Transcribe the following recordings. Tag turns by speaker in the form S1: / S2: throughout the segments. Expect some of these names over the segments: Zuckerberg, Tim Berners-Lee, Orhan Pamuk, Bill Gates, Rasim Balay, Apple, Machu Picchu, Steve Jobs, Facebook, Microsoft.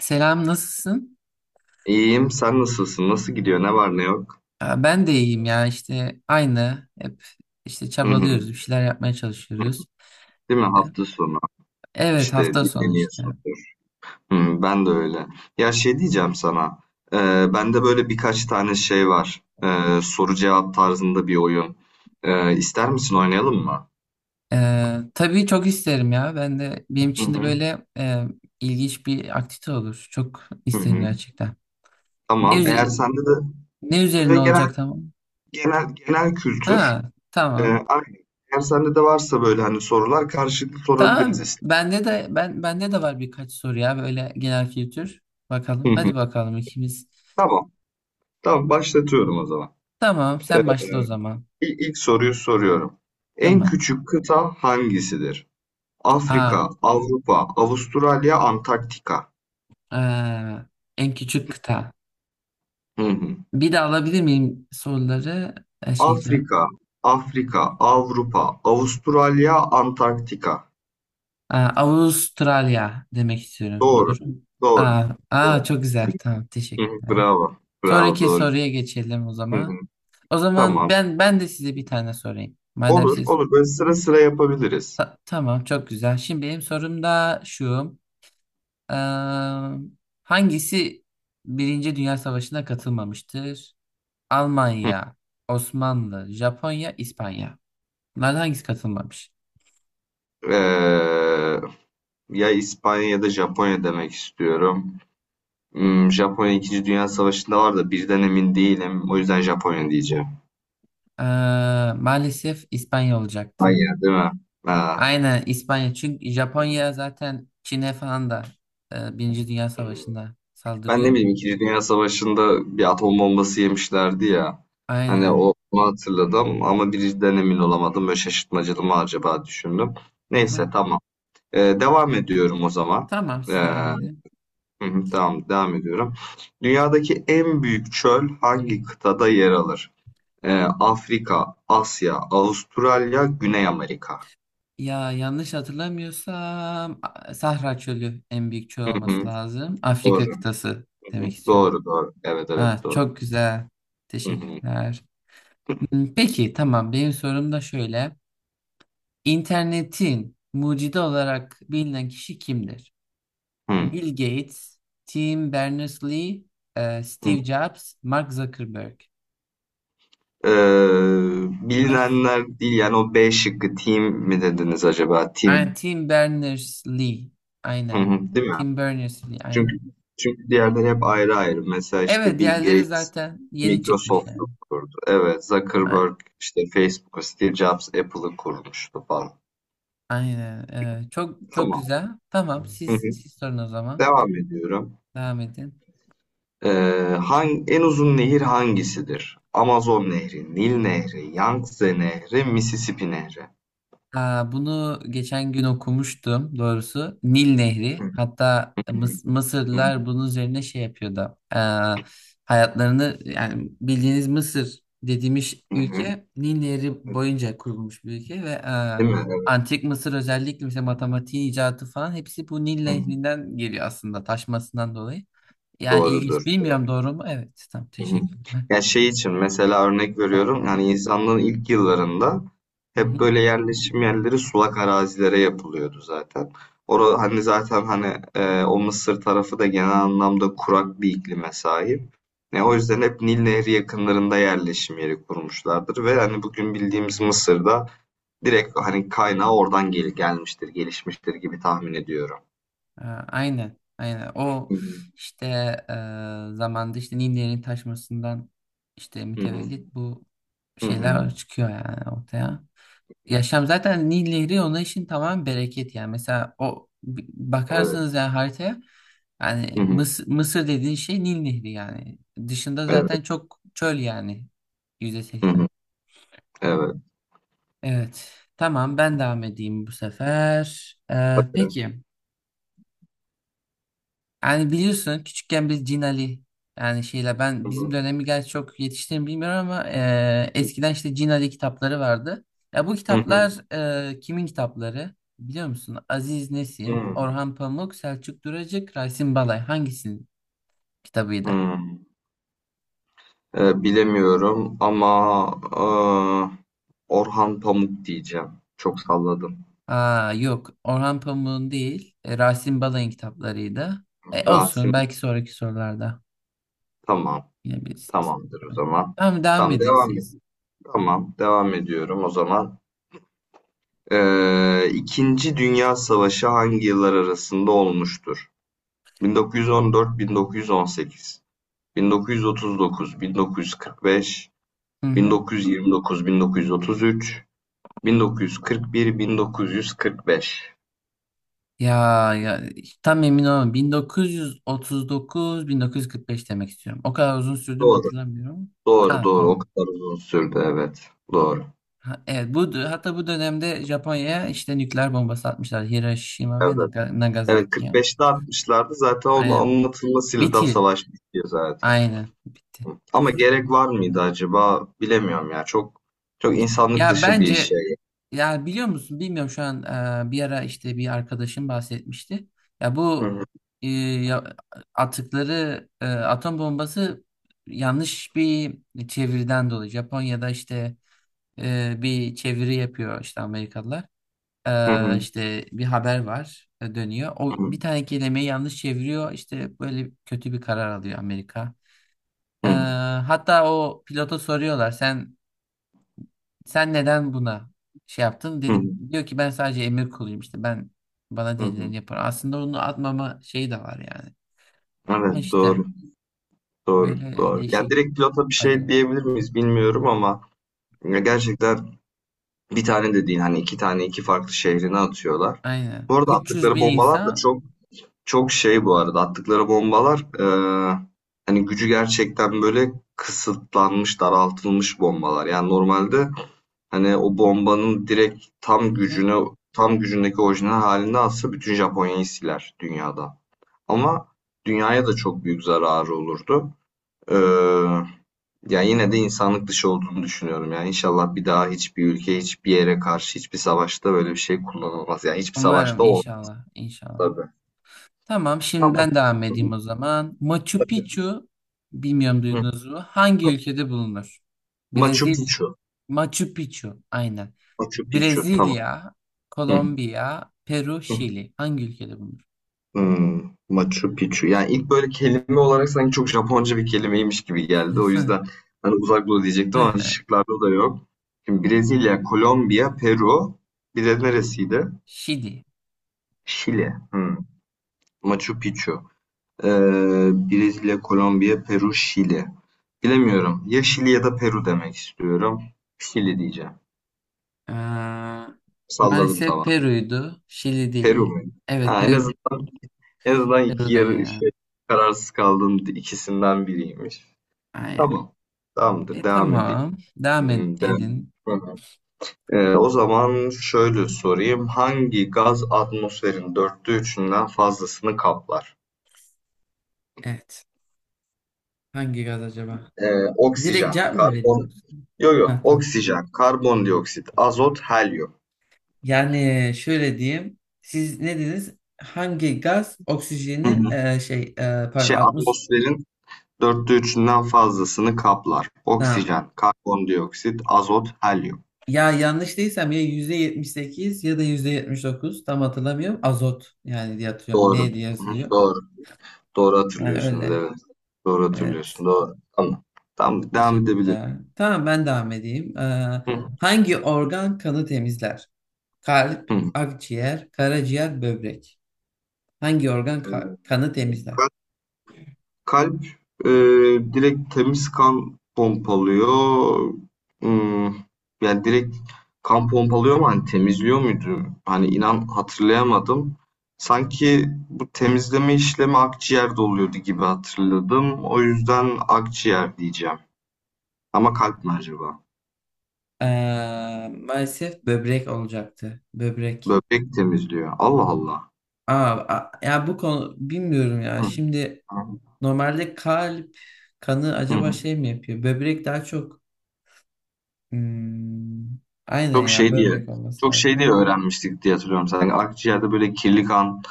S1: Selam, nasılsın?
S2: İyiyim. Sen nasılsın? Nasıl gidiyor? Ne var ne yok?
S1: Ben de iyiyim ya işte aynı hep işte
S2: Hı hı.
S1: çabalıyoruz bir şeyler yapmaya çalışıyoruz.
S2: Değil mi?
S1: E,
S2: Hafta sonu
S1: Evet
S2: işte
S1: hafta sonu işte.
S2: dinleniyorsundur. Hı, ben de öyle. Ya şey diyeceğim sana. E, Bende böyle birkaç tane şey var. Soru cevap tarzında bir oyun. İster misin oynayalım mı?
S1: Tabii çok isterim ya ben de benim
S2: Hı
S1: için de
S2: hı.
S1: böyle ilginç bir aktivite olur. Çok
S2: Hı
S1: isterim
S2: hı.
S1: gerçekten. Ne,
S2: Tamam. Eğer
S1: üze-
S2: sende de
S1: ne
S2: böyle
S1: üzerine
S2: genel
S1: olacak tamam?
S2: genel
S1: Ha
S2: kültür.
S1: tamam.
S2: Aynen. Eğer sende de varsa böyle hani sorular karşılıklı
S1: Tamam
S2: sorabiliriz.
S1: bende de var birkaç soru ya böyle genel kültür.
S2: Hı
S1: Bakalım
S2: hı.
S1: hadi bakalım ikimiz.
S2: Tamam. Tamam başlatıyorum o zaman.
S1: Tamam sen başla o zaman.
S2: İlk, soruyu soruyorum. En
S1: Tamam.
S2: küçük kıta hangisidir?
S1: Aa.
S2: Afrika, Avrupa, Avustralya, Antarktika.
S1: Ee, En küçük kıta.
S2: Hı hı.
S1: Bir de alabilir miyim soruları? Şey cevap.
S2: Afrika, Afrika, Avrupa, Avustralya, Antarktika.
S1: Avustralya demek istiyorum.
S2: Doğru,
S1: Doğru mu?
S2: doğru,
S1: Aa, aa,
S2: doğru.
S1: çok güzel. Tamam,
S2: Hı hı,
S1: teşekkürler.
S2: Bravo,
S1: Sonraki
S2: doğru.
S1: soruya geçelim o
S2: Hı hı.
S1: zaman. O zaman
S2: Tamam.
S1: ben de size bir tane sorayım. Madem
S2: Olur,
S1: siz
S2: olur. Böyle sıra sıra yapabiliriz.
S1: Tamam çok güzel. Şimdi benim sorum da şu. Ee, hangisi Birinci Dünya Savaşı'na katılmamıştır?
S2: Hı.
S1: Almanya, Osmanlı, Japonya, İspanya. Bunlardan hangisi katılmamış?
S2: Ee, Ya İspanya ya da Japonya demek istiyorum. Hmm, Japonya İkinci Dünya Savaşı'nda var da birden emin değilim. O yüzden Japonya diyeceğim.
S1: Ee, Maalesef İspanya olacaktı.
S2: Hayır değil mi? Ha.
S1: Aynen İspanya. Çünkü Japonya zaten Çin'e falan da Birinci Dünya Savaşı'nda
S2: Ben ne
S1: saldırıyor.
S2: bileyim İkinci Dünya Savaşı'nda bir atom bombası yemişlerdi ya. Hani
S1: Aynen.
S2: o, onu hatırladım ama birinciden emin olamadım. Böyle şaşırtmacalı mı acaba düşündüm.
S1: Hı hı.
S2: Neyse tamam. Devam ediyorum o zaman.
S1: Tamam
S2: Ee,
S1: siz devam
S2: hı
S1: edin.
S2: hı, tamam devam ediyorum. Dünyadaki en büyük çöl hangi kıtada yer alır? Ee, Afrika, Asya, Avustralya, Güney Amerika.
S1: Ya yanlış hatırlamıyorsam Sahra Çölü en büyük çöl
S2: Hı
S1: olması
S2: hı,
S1: lazım.
S2: doğru.
S1: Afrika kıtası
S2: Hı
S1: demek
S2: hı,
S1: istiyorum.
S2: doğru. Evet
S1: Ha,
S2: evet doğru.
S1: çok güzel.
S2: Hı
S1: Teşekkürler. Peki tamam benim sorum da şöyle. İnternetin mucidi olarak bilinen kişi kimdir?
S2: hı.
S1: Bill Gates, Tim Berners-Lee,
S2: hı.
S1: Steve Jobs, Mark Zuckerberg. Hangisi?
S2: Bilinenler değil yani o B şıkkı team mi dediniz acaba?
S1: Aynen,
S2: Team.
S1: Tim Berners-Lee.
S2: Hı
S1: Aynen.
S2: hı, değil mi?
S1: Tim Berners-Lee.
S2: Çünkü
S1: Aynen.
S2: çünkü diğerleri hep ayrı ayrı. Mesela
S1: Evet,
S2: işte Bill
S1: diğerleri
S2: Gates
S1: zaten yeni çıkmış
S2: Microsoft'u
S1: yani.
S2: kurdu. Evet,
S1: A-
S2: Zuckerberg işte Facebook'u, Steve Jobs Apple'ı kurmuştu falan.
S1: Aynen. Çok çok
S2: Tamam.
S1: güzel. Tamam, evet.
S2: Hı
S1: siz
S2: hı.
S1: siz sorun o zaman.
S2: Devam ediyorum.
S1: Devam edin.
S2: Eee En uzun nehir hangisidir? Amazon Nehri, Nil Nehri, Yangtze Nehri, Mississippi Nehri.
S1: Aa, bunu geçen gün okumuştum doğrusu. Nil Nehri. Hatta Mıs-
S2: Hı hı,
S1: Mısırlılar bunun üzerine şey yapıyordu. Hayatlarını yani bildiğiniz Mısır dediğimiz
S2: hı hı.
S1: ülke Nil Nehri boyunca kurulmuş bir ülke ve
S2: Değil mi? Evet.
S1: Antik Mısır özellikle mesela matematiğin icadı falan hepsi bu Nil
S2: Hı hı.
S1: Nehri'nden geliyor aslında taşmasından dolayı. Yani
S2: Doğrudur.
S1: ilginç.
S2: Doğru.
S1: Bilmiyorum doğru mu? Evet. Tamam
S2: Hı hı.
S1: teşekkürler.
S2: Ya şey için mesela örnek veriyorum yani insanlığın ilk yıllarında
S1: Hı
S2: hep
S1: hı.
S2: böyle yerleşim yerleri sulak arazilere yapılıyordu zaten. Orada hani zaten hani o Mısır tarafı da genel anlamda kurak bir iklime sahip. Ne o yüzden hep Nil Nehri yakınlarında yerleşim yeri kurmuşlardır ve hani bugün bildiğimiz Mısır'da direkt hani kaynağı oradan gelmiştir, gelişmiştir gibi tahmin ediyorum.
S1: Aynen, aynen. O
S2: Hı hı.
S1: işte zamanda işte Nini'nin taşmasından işte
S2: Hı hı.
S1: mütevellit bu
S2: Hı hı.
S1: şeyler çıkıyor yani ortaya. Yaşam zaten Nil Nehri ona işin tamam bereket yani. Mesela o
S2: Evet.
S1: bakarsanız yani haritaya yani
S2: Hı hı.
S1: Mısır, Mısır dediğin şey Nil Nehri yani. Dışında
S2: Evet.
S1: zaten çok çöl yani
S2: Hı
S1: %80.
S2: hı. Evet.
S1: Evet. Tamam ben devam edeyim bu sefer.
S2: Bakın.
S1: Peki. Yani biliyorsun küçükken biz Cin Ali yani şeyle ben
S2: Hı
S1: bizim
S2: hı.
S1: dönemi gerçi çok yetiştiğimi bilmiyorum ama eskiden işte Cin Ali kitapları vardı. Ya bu
S2: Hı
S1: kitaplar kimin kitapları? Biliyor musun? Aziz Nesin,
S2: hı.
S1: Orhan Pamuk, Selçuk Duracık, Rasim Balay hangisinin kitabıydı?
S2: Hı. Bilemiyorum ama eee, Orhan Pamuk diyeceğim. Çok salladım.
S1: Aa yok Orhan Pamuk'un değil Rasim Balay'ın kitaplarıydı. Olsun
S2: Rasim
S1: belki sonraki sorularda
S2: tamam.
S1: yine bilirsiniz.
S2: Tamamdır o zaman.
S1: Tamam devam
S2: Tamam
S1: edin
S2: devam et.
S1: siz.
S2: Tamam devam ediyorum o zaman. İkinci Dünya Savaşı hangi yıllar arasında olmuştur? 1914-1918, 1939-1945,
S1: Hı hı.
S2: 1929-1933, 1941-1945.
S1: Ya ya işte tam emin olamam. 1939-1945 demek istiyorum. O kadar uzun sürdü mü
S2: Doğru.
S1: hatırlamıyorum.
S2: Doğru
S1: Ha
S2: doğru. O
S1: tamam.
S2: kadar uzun sürdü evet. Doğru.
S1: Ha, evet bu hatta bu dönemde Japonya'ya işte nükleer bombası atmışlar Hiroşima ve
S2: Evet.
S1: Naga-
S2: Evet
S1: Nagasaki'ye.
S2: 45'te atmışlardı. Zaten onun
S1: Aynen.
S2: anlatılmasıyla da
S1: Bitti.
S2: savaş bitiyor zaten.
S1: Aynen. Bitti.
S2: Hı. Ama gerek var mıydı acaba? Bilemiyorum ya. Çok insanlık
S1: Ya
S2: dışı bir
S1: bence
S2: şey.
S1: ya biliyor musun bilmiyorum şu an bir ara işte bir arkadaşım bahsetmişti. Ya bu
S2: Hı.
S1: e, ya- atıkları atom bombası yanlış bir çeviriden dolayı Japonya'da işte bir çeviri yapıyor işte Amerikalılar.
S2: Hı hı.
S1: İşte bir haber var dönüyor. O
S2: Hı hı.
S1: bir tane kelimeyi yanlış çeviriyor. İşte böyle kötü bir karar alıyor Amerika. E, Hatta o pilota soruyorlar sen neden buna şey yaptın?
S2: Hı hı.
S1: Dedim diyor ki ben sadece emir kuluyum işte ben bana
S2: Hı hı.
S1: denileni yaparım. Aslında onu atmama şeyi de var yani.
S2: Evet
S1: Ama işte
S2: doğru. Doğru.
S1: böyle
S2: Doğru. Ya
S1: değişik
S2: direkt pilota bir şey
S1: acı.
S2: diyebilir miyiz bilmiyorum ama ya gerçekten bir tane de değil hani iki tane iki farklı şehrine atıyorlar.
S1: Aynen.
S2: Bu arada
S1: üç yüz
S2: attıkları
S1: bin
S2: bombalar da
S1: insan.
S2: çok bu arada attıkları bombalar hani gücü gerçekten böyle kısıtlanmış daraltılmış bombalar. Yani normalde hani o bombanın direkt
S1: Hı hı.
S2: tam gücündeki orijinal halinde atsa bütün Japonya'yı siler dünyada. Ama dünyaya da çok büyük zararı olurdu. Eee ya yine de insanlık dışı olduğunu düşünüyorum. Yani inşallah bir daha hiçbir ülke, hiçbir yere karşı, hiçbir savaşta böyle bir şey kullanılmaz. Yani hiçbir
S1: Umarım
S2: savaşta olmaz
S1: inşallah inşallah.
S2: tabii.
S1: Tamam şimdi
S2: Tamam.
S1: ben devam edeyim o zaman. Machu
S2: Tabii.
S1: Picchu bilmiyorum
S2: Hı.
S1: duydunuz mu? Hangi ülkede bulunur?
S2: Machu
S1: Brezilya.
S2: Picchu.
S1: Machu Picchu aynen.
S2: Machu Picchu. Tamam.
S1: Brezilya,
S2: Hı.
S1: Kolombiya, Peru,
S2: Hı.
S1: Şili. Hangi ülkede bulunur?
S2: Hmm. Machu Picchu. Yani ilk böyle kelime olarak sanki çok Japonca bir kelimeymiş gibi geldi. O yüzden hani uzak doğu diyecektim ama şıklarda da yok. Şimdi Brezilya, Kolombiya, Peru. Bir de neresiydi?
S1: Şili.
S2: Şili. Hmm. Machu Picchu. Brezilya, Kolombiya, Peru, Şili. Bilemiyorum. Ya Şili ya da Peru demek istiyorum. Şili diyeceğim.
S1: Ee,
S2: Salladım
S1: Maalesef
S2: tamam.
S1: Peru'ydu. Şili
S2: Peru
S1: değil.
S2: mu?
S1: Evet
S2: Ha, en
S1: Peru,
S2: azından en azından
S1: Peru'da ya.
S2: kararsız kaldığım ikisinden biriymiş.
S1: Aynen.
S2: Tamam. Tamamdır.
S1: E
S2: Devam edeyim.
S1: tamam. Devam ed-
S2: Hmm, devam.
S1: edin.
S2: Hı hı. O zaman şöyle sorayım. Hangi gaz atmosferin dörtte üçünden fazlasını kaplar?
S1: Evet. Hangi gaz acaba?
S2: Ee,
S1: Direkt
S2: oksijen,
S1: cevap mı
S2: karbon,
S1: vereyim? Yoksa?
S2: yok yok,
S1: Ha tamam.
S2: oksijen, karbondioksit, azot, helyum.
S1: Yani şöyle diyeyim. Siz ne dediniz? Hangi gaz
S2: Hı
S1: oksijenin
S2: hı.
S1: şey pardon 60
S2: Atmosferin dörtte üçünden fazlasını kaplar.
S1: tamam.
S2: Oksijen, karbondioksit, azot, helyum.
S1: Ya yanlış değilsem ya %78 ya da %79 tam hatırlamıyorum. Azot yani diye hatırlıyorum.
S2: Doğru.
S1: Ne diye
S2: Hı hı,
S1: yazılıyor?
S2: doğru. Doğru
S1: Yani
S2: hatırlıyorsunuz.
S1: öyle.
S2: Evet. Doğru
S1: Evet.
S2: hatırlıyorsun. Doğru. Tamam. Tamam. Devam edebilir.
S1: Teşekkürler. Tamam ben devam edeyim.
S2: Hı
S1: Hangi organ kanı temizler? Kalp,
S2: hı.
S1: akciğer, karaciğer, böbrek. Hangi organ kanı
S2: Ee,
S1: temizler?
S2: Kalp e, direkt temiz kan pompalıyor. Hmm, yani direkt kan pompalıyor mu? Hani temizliyor muydu? Hani inan hatırlayamadım. Sanki bu temizleme işlemi akciğerde oluyordu gibi hatırladım. O yüzden akciğer diyeceğim. Ama kalp mi acaba?
S1: Maalesef böbrek olacaktı. Böbrek.
S2: Böbrek temizliyor. Allah Allah.
S1: Aa, Ya bu konu bilmiyorum ya.
S2: Hı,
S1: Şimdi normalde kalp kanı acaba
S2: hı.
S1: şey mi yapıyor? Böbrek daha çok. Hmm, aynen
S2: Çok
S1: ya
S2: şey diye,
S1: böbrek olması
S2: çok şey
S1: lazım.
S2: diye öğrenmiştik diye hatırlıyorum. Sanki akciğerde böyle kirli kan,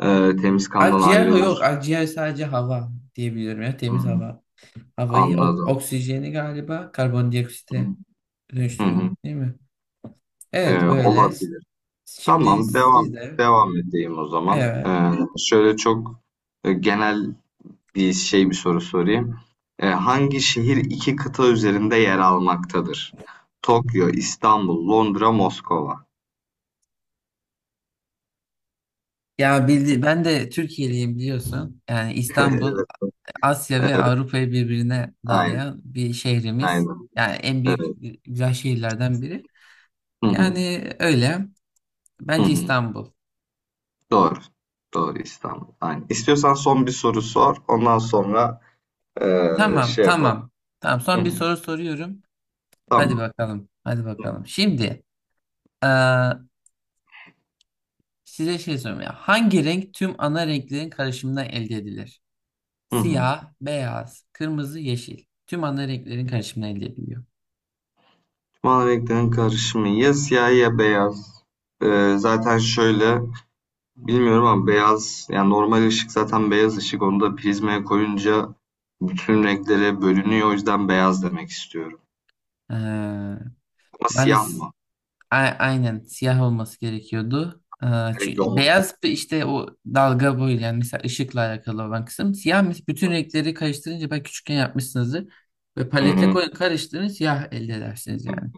S2: e, temiz kandan
S1: Akciğer ha yok.
S2: ayrılır.
S1: Akciğer sadece hava diyebiliyorum ya
S2: Hı.
S1: temiz hava. Havayı
S2: Anladım.
S1: oksijeni galiba karbondioksite
S2: Hı hı.
S1: dönüştürüyorduk değil mi? Evet böyle.
S2: Olabilir.
S1: Şimdi
S2: Tamam,
S1: siz de
S2: devam edeyim o zaman.
S1: evet.
S2: Şöyle çok genel bir soru sorayım. Hangi şehir iki kıta üzerinde yer almaktadır? Tokyo, İstanbul, Londra, Moskova.
S1: Ya bildi ben de Türkiye'liyim biliyorsun. Yani İstanbul Asya ve Avrupa'yı birbirine
S2: Aynen,
S1: bağlayan bir şehrimiz.
S2: aynen.
S1: Yani en büyük
S2: Evet.
S1: güzel şehirlerden biri.
S2: Hı hı,
S1: Yani öyle.
S2: hı
S1: Bence
S2: hı.
S1: İstanbul.
S2: Doğru. Doğru İstanbul. Aynen. İstiyorsan son bir soru sor. Ondan sonra
S1: Tamam,
S2: şey yapalım.
S1: tamam. Tamam.
S2: Hı
S1: Son bir
S2: hı.
S1: soru soruyorum. Hadi
S2: Tamam.
S1: bakalım. Hadi
S2: Hı hı.
S1: bakalım. Şimdi eee, size şey sorayım ya. Hangi renk tüm ana renklerin karışımından elde edilir?
S2: Hı hı.
S1: Siyah, beyaz, kırmızı, yeşil. Tüm ana renklerin karışımından elde ediliyor.
S2: Mavi renklerin karışımı ya siyah ya beyaz. Zaten şöyle bilmiyorum ama beyaz yani normal ışık zaten beyaz ışık onu da prizmaya koyunca bütün renklere bölünüyor o yüzden beyaz demek istiyorum.
S1: Ee,
S2: Ama siyah
S1: Maalesef
S2: mı?
S1: aynen siyah olması gerekiyordu.
S2: Direkt
S1: Çünkü
S2: yolma.
S1: beyaz bir işte o dalga boyu yani mesela ışıkla alakalı olan kısım. Siyah bütün renkleri karıştırınca belki küçükken yapmışsınızdır. Ve
S2: Hı
S1: palete
S2: hı.
S1: koyun karıştırın siyah elde edersiniz
S2: Hı.
S1: yani.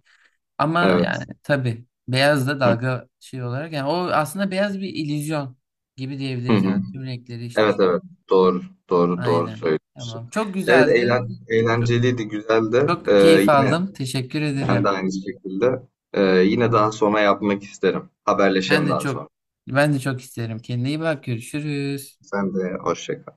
S1: Ama
S2: Evet.
S1: yani tabii beyaz da
S2: Hı
S1: dalga şey olarak yani o aslında beyaz bir illüzyon gibi
S2: hı.
S1: diyebiliriz
S2: Hı.
S1: yani. Tüm renkleri işte.
S2: Evet doğru doğru
S1: Aynen.
S2: söylüyorsun.
S1: Tamam. Çok
S2: Evet
S1: güzeldi. Çok,
S2: eğlenceliydi güzeldi.
S1: çok keyif
S2: Yine
S1: aldım. Teşekkür
S2: ben de
S1: ederim.
S2: aynı şekilde. Yine daha sonra yapmak isterim.
S1: Ben
S2: Haberleşelim
S1: de
S2: daha sonra.
S1: çok ben de çok isterim. Kendine iyi bak. Görüşürüz.
S2: Sen de hoşça kal.